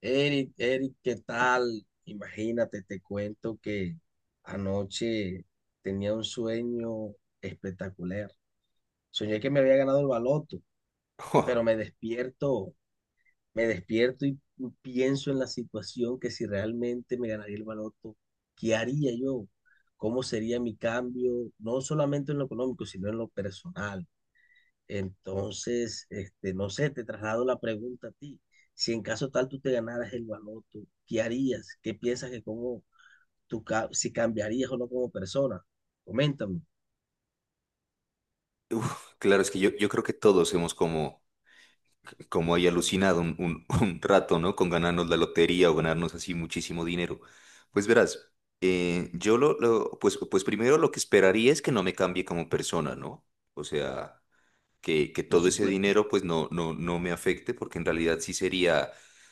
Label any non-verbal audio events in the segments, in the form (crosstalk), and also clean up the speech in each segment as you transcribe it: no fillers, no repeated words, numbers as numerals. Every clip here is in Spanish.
Eric, Eric, ¿qué tal? Imagínate, te cuento que anoche tenía un sueño espectacular. Soñé que me había ganado el baloto, Jo, pero me despierto y pienso en la situación que si realmente me ganaría el baloto, ¿qué haría yo? ¿Cómo sería mi cambio? No solamente en lo económico, sino en lo personal. Entonces, no sé, te traslado la pregunta a ti. Si en caso tal tú te ganaras el baloto, ¿qué harías? ¿Qué piensas que cómo tú, si cambiarías o no como persona? Coméntame. uf, claro, es que yo creo que todos hemos como, como ahí alucinado un- (laughs) un rato, ¿no? Con ganarnos la lotería o ganarnos así muchísimo dinero. Pues verás, yo lo- pues, pues primero lo que esperaría es que no me cambie como persona, ¿no? O sea, que Por todo ese supuesto. dinero pues no me afecte porque en realidad sí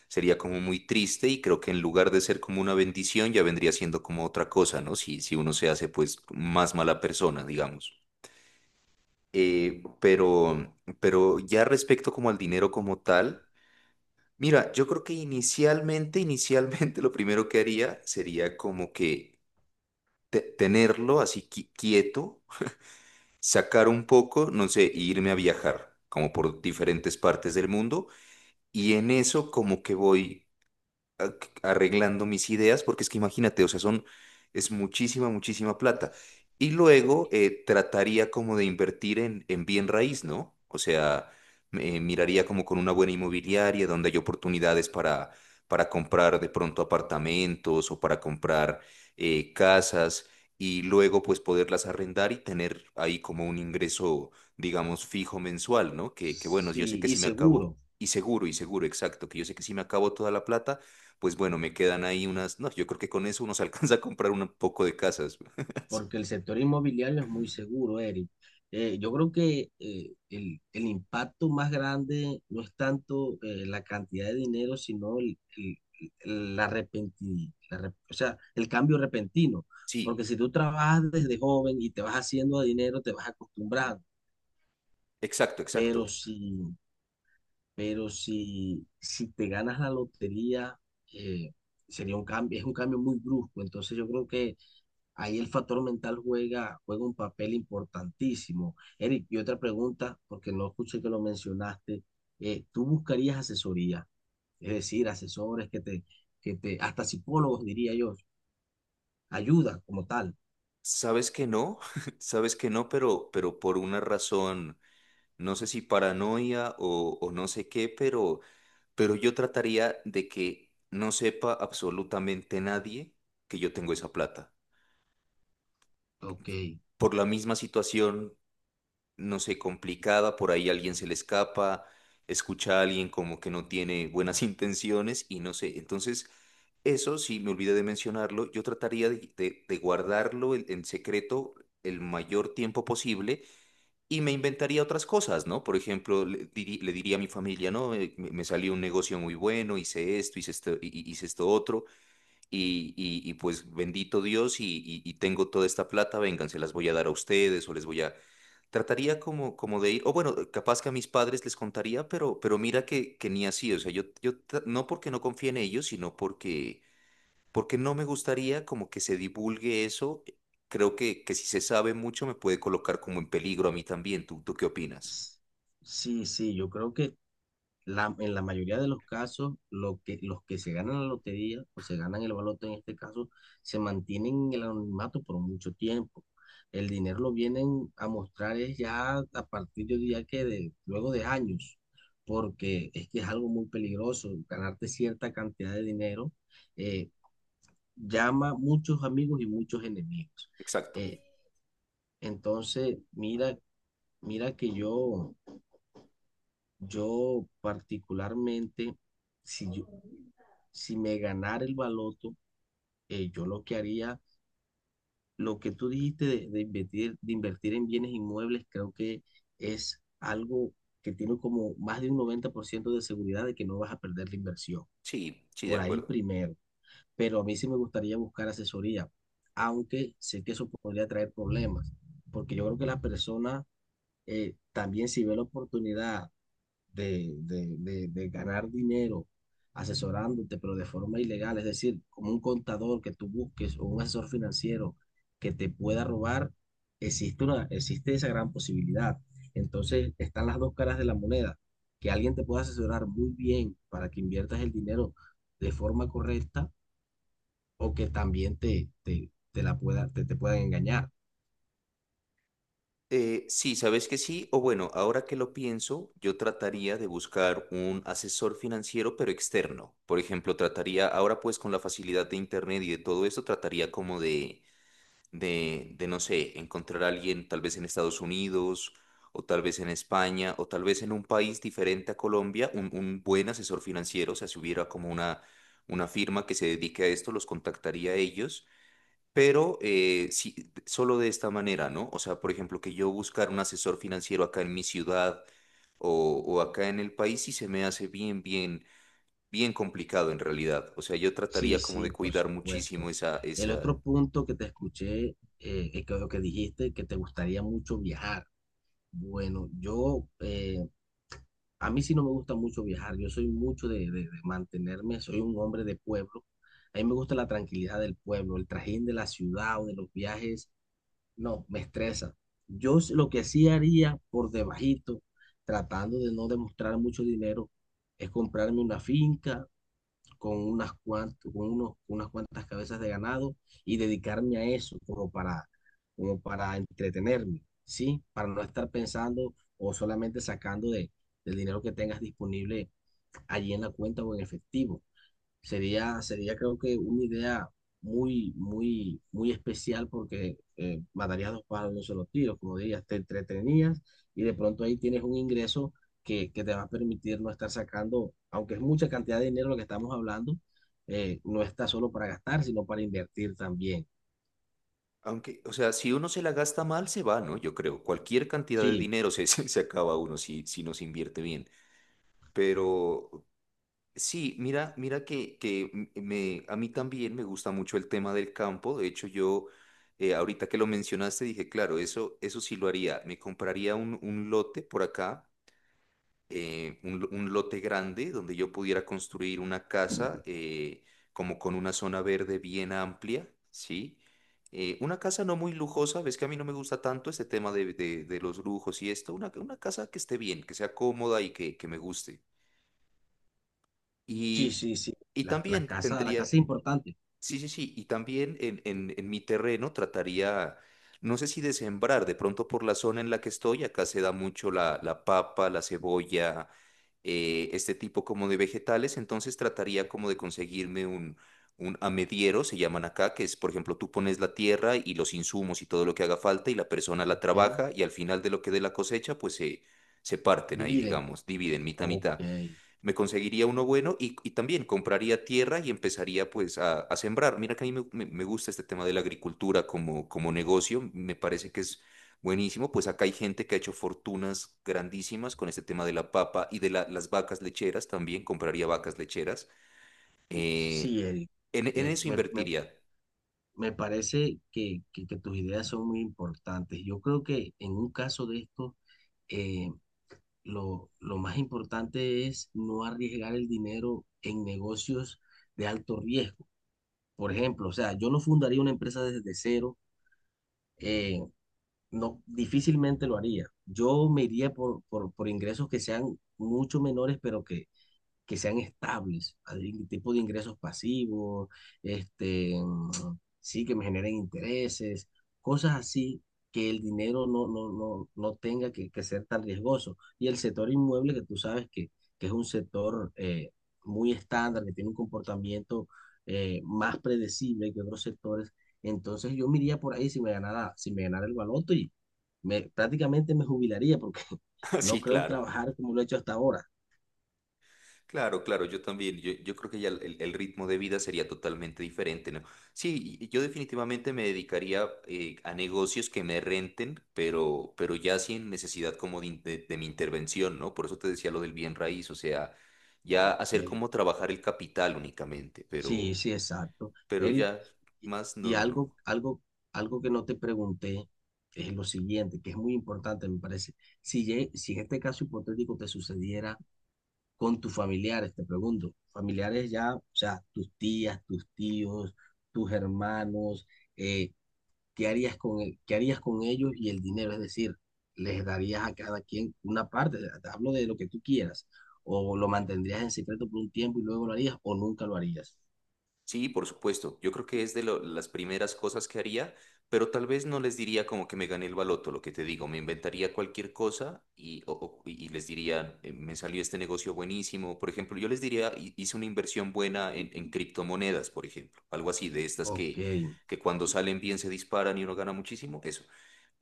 sería como muy triste y creo que en lugar de ser como una bendición ya vendría siendo como otra cosa, ¿no? Si uno se hace pues más mala persona, digamos. Eh, pero, pero ya respecto como al dinero como tal, mira, yo creo que inicialmente (laughs) lo primero que haría sería como que tenerlo así quieto, sacar un poco, no sé, e irme a viajar como por diferentes partes del mundo y en eso como que voy a- arreglando mis ideas, porque es que imagínate, o sea, es muchísima, muchísima plata. Y luego trataría como de invertir en bien raíz, ¿no? O sea, miraría como con una buena inmobiliaria donde hay oportunidades para comprar de pronto apartamentos o para comprar casas y luego pues poderlas arrendar y tener ahí como un ingreso, digamos, fijo mensual, ¿no? Que bueno, yo sé Sí, que y si me acabo, seguro. Y seguro, exacto, que yo sé que si me acabo toda la plata, pues bueno, me quedan ahí unas, no, yo creo que con eso uno se (laughs) alcanza a comprar un poco de casas. Porque (laughs) el sector inmobiliario es muy seguro, Eric. Yo creo que el impacto más grande no es tanto la cantidad de dinero, sino el- la repenti- la rep- o sea, el cambio repentino. Sí, Porque si tú trabajas desde joven y te vas haciendo de dinero, te vas acostumbrando. exacto, Pero exacto. Si te ganas la lotería, eh, sería un cambio, es un cambio muy brusco. Entonces yo creo que ahí el factor mental juega, juega un papel importantísimo. Eric, y otra pregunta, porque no escuché que lo mencionaste, ¿tú buscarías asesoría? Es decir, asesores que te, hasta psicólogos diría yo, ayuda como tal. Sabes que no, (laughs) sabes que no, pero por una razón, no sé si paranoia o no sé qué, pero yo trataría de que no sepa absolutamente nadie que yo tengo esa plata. Ok. Por la misma situación no sé, complicada, por ahí alguien se le escapa, escucha a alguien como que no tiene buenas (laughs) intenciones y no sé. Entonces, eso sí, me olvidé de mencionarlo, yo trataría de guardarlo en secreto el mayor tiempo posible y me inventaría otras cosas, ¿no? Por ejemplo, le diría a mi familia, ¿no? Me salió un negocio muy bueno, hice esto, hice esto, hice esto otro. Pues bendito Dios y tengo toda esta plata, vengan, se las voy a dar a ustedes o les voy a... Trataría como, como de ir, o bueno, capaz que a mis padres les contaría, pero mira que ni así, o sea, no porque no confíe en ellos, porque no me gustaría como que se divulgue eso. Creo que si se sabe mucho me puede colocar como en peligro a mí también. ¿Tú qué opinas? S- sí, sí, yo creo que en la mayoría de los casos, los que se ganan la lotería o se ganan el baloto en este caso, se mantienen en el anonimato por mucho tiempo. El dinero lo vienen a mostrar es ya a partir, yo diría que de, luego de años, porque es que es algo muy peligroso. Ganarte cierta cantidad de dinero eh, llama muchos amigos y muchos enemigos. Exacto. Eh, entonces, mira que yo particularmente, si yo, si me ganara el baloto, yo lo que haría, lo que tú dijiste de invertir en bienes inmuebles, creo que es algo que tiene como más de un 90% de seguridad de que no vas a perder la inversión. Sí, sí, de Por ahí acuerdo. primero. Pero a mí sí me gustaría buscar asesoría, aunque sé que eso podría traer problemas, porque yo creo que la persona también si ve la oportunidad de ganar dinero asesorándote, pero de forma ilegal, es decir, como un contador que tú busques o un asesor financiero que te pueda robar, existe esa gran posibilidad. Entonces, están las dos caras de la moneda, que alguien te pueda asesorar muy bien para que inviertas el dinero de forma correcta o que también te la pueda, te puedan engañar. Sí, sabes que sí, o bueno, ahora que lo pienso, yo trataría de buscar un asesor financiero, pero externo. Por ejemplo, trataría, ahora pues con la facilidad de internet y de todo esto, trataría como de no sé, encontrar a alguien tal vez en Estados Unidos, o tal vez en España, o tal vez en un país diferente a Colombia, un buen asesor financiero. O sea, si hubiera como una firma que se dedique a esto, los contactaría a ellos pero sí, solo de esta manera, ¿no? O sea, por ejemplo, que yo buscar un asesor financiero acá en mi ciudad o acá en el país sí se me hace bien complicado en realidad. O sea, yo Sí, trataría como sí, de por cuidar muchísimo supuesto. El esa... otro punto que te escuché, lo que dijiste, que te gustaría mucho viajar. Bueno, a mí sí no me gusta mucho viajar. Yo soy mucho de mantenerme, soy un hombre de pueblo. A mí me gusta la tranquilidad del pueblo, el trajín de la ciudad o de los viajes, no, me estresa. Lo que sí haría por debajito, tratando de no demostrar mucho dinero, es comprarme una finca con unas cuantas, con unos, con unas cuantas cabezas de ganado y dedicarme a eso como para, como para entretenerme, ¿sí? Para no estar pensando o solamente sacando del dinero que tengas disponible allí en la cuenta o en efectivo. Sería creo que una idea muy, muy, muy especial porque matarías dos pájaros de un solo tiro, como dirías, te entretenías y de pronto ahí tienes un ingreso que te va a permitir no estar sacando, aunque es mucha cantidad de dinero lo que estamos hablando, no está solo para gastar, sino para invertir también. Aunque, o sea, si uno se la gasta mal, se va, ¿no? Yo creo. Cualquier cantidad de Sí, dinero se, (laughs) se se acaba uno si, si no se invierte bien. Pero, sí, mira, mira que a mí también me gusta mucho el tema del campo. De hecho, yo ahorita que lo mencionaste dije, claro, eso sí lo haría. Me compraría un lote por acá, un lote grande donde yo pudiera construir una casa como con una zona verde bien amplia, ¿sí? Una casa no muy lujosa, ves que a mí no me gusta tanto este tema de los lujos y esto. Una casa que esté bien, que sea cómoda y que me guste. sí, Y, sí, sí. y La también casa, la tendría, casa es importante. sí, sí, sí, y también en mi terreno trataría, no sé si de sembrar, de pronto por la zona en la que estoy, acá se da mucho la papa, la cebolla, este tipo como de vegetales, entonces trataría como de conseguirme un amediero, se llaman acá, que es, por ejemplo, tú pones la tierra y los insumos y todo lo que haga falta y la persona la Ok, trabaja y al final de lo que dé la cosecha, se parten ahí, dividen. digamos, dividen mitad, a Ok, mitad me conseguiría uno bueno y también compraría tierra y empezaría pues a sembrar. Mira que a mí me gusta este tema de la agricultura como, como negocio, me parece que es buenísimo, pues acá hay gente que ha hecho fortunas grandísimas con este tema de la papa y las vacas lecheras también, compraría vacas lecheras. Eh, sí, Eric. En Eh, eso me, me invertiría. Me parece que tus ideas son muy importantes. Yo creo que en un caso de esto, eh, lo más importante es no arriesgar el dinero en negocios de alto riesgo. Por ejemplo, o sea, yo no fundaría una empresa desde cero, eh, no, difícilmente lo haría. Yo me iría por ingresos que sean mucho menores, pero que sean estables, algún tipo de ingresos pasivos, este, mm, sí, que me generen intereses, cosas así, que el dinero no tenga que ser tan riesgoso. Y el sector inmueble, que tú sabes que es un sector muy estándar, que tiene un comportamiento más predecible que otros sectores, entonces yo me iría por ahí si me ganara el baloto y prácticamente me jubilaría porque (laughs) (laughs) no Sí, creo claro. trabajar como lo he hecho hasta ahora. Claro, claro, yo también, yo creo que ya ritmo de vida sería totalmente diferente, ¿no? Sí, y yo definitivamente me dedicaría a negocios que me renten, pero ya sin necesidad como de mi intervención, ¿no? Por eso te decía lo del bien raíz, o sea, ya Ok. hacer como trabajar el capital únicamente, Sí, sí, exacto. pero Eric, ya y, más, no, y no, no. algo, algo, algo que no te pregunté es lo siguiente, que es muy importante, me parece. Si, si en este caso hipotético te sucediera con tus familiares, te pregunto, familiares ya, o sea, tus tías, tus tíos, tus hermanos, eh, qué harías con ellos y el dinero? Es decir, ¿les darías a cada quien una parte? Te hablo de lo que tú quieras, o lo mantendrías en secreto por un tiempo y luego lo harías, o nunca lo harías. Sí, por supuesto. Yo creo que es las primeras cosas que haría, pero tal vez no les diría como que me gané el baloto, lo que te digo, me inventaría cualquier cosa y les diría, me salió este negocio buenísimo. Por ejemplo, yo les diría: Hice una inversión buena en criptomonedas", por ejemplo, algo así de estas Ok. Que cuando salen bien se disparan y uno gana muchísimo, eso.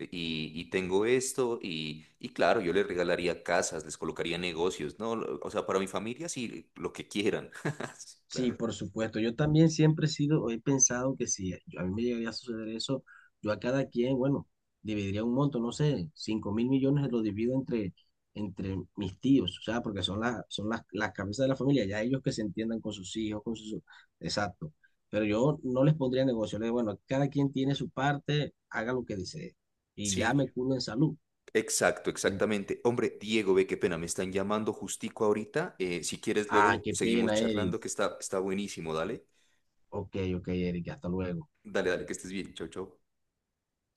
Y tengo esto y claro, yo les regalaría casas, les colocaría negocios, ¿no? O sea, para mi familia sí, lo que quieran. (laughs) Sí, Claro. por supuesto. Yo también siempre he sido, o he pensado que si yo- a mí me llegaría a suceder eso, yo a cada quien, bueno, dividiría un monto, no sé, 5.000 millones lo divido entre, mis tíos, o sea, porque son, las cabezas de la familia, ya ellos que se entiendan con sus hijos, con sus... Exacto. Pero yo no les pondría negocio, les digo, bueno, cada quien tiene su parte, haga lo que desee. Y ya Sí. me curo en salud. Exacto, En- exactamente. Hombre, Diego, ve qué pena, me están llamando justico ahorita. Si quieres, ah, luego qué seguimos pena, Eric. charlando, que está, está buenísimo. Dale, Ok, ok, Eric, hasta luego. Dale, que estés bien. Chau, chau.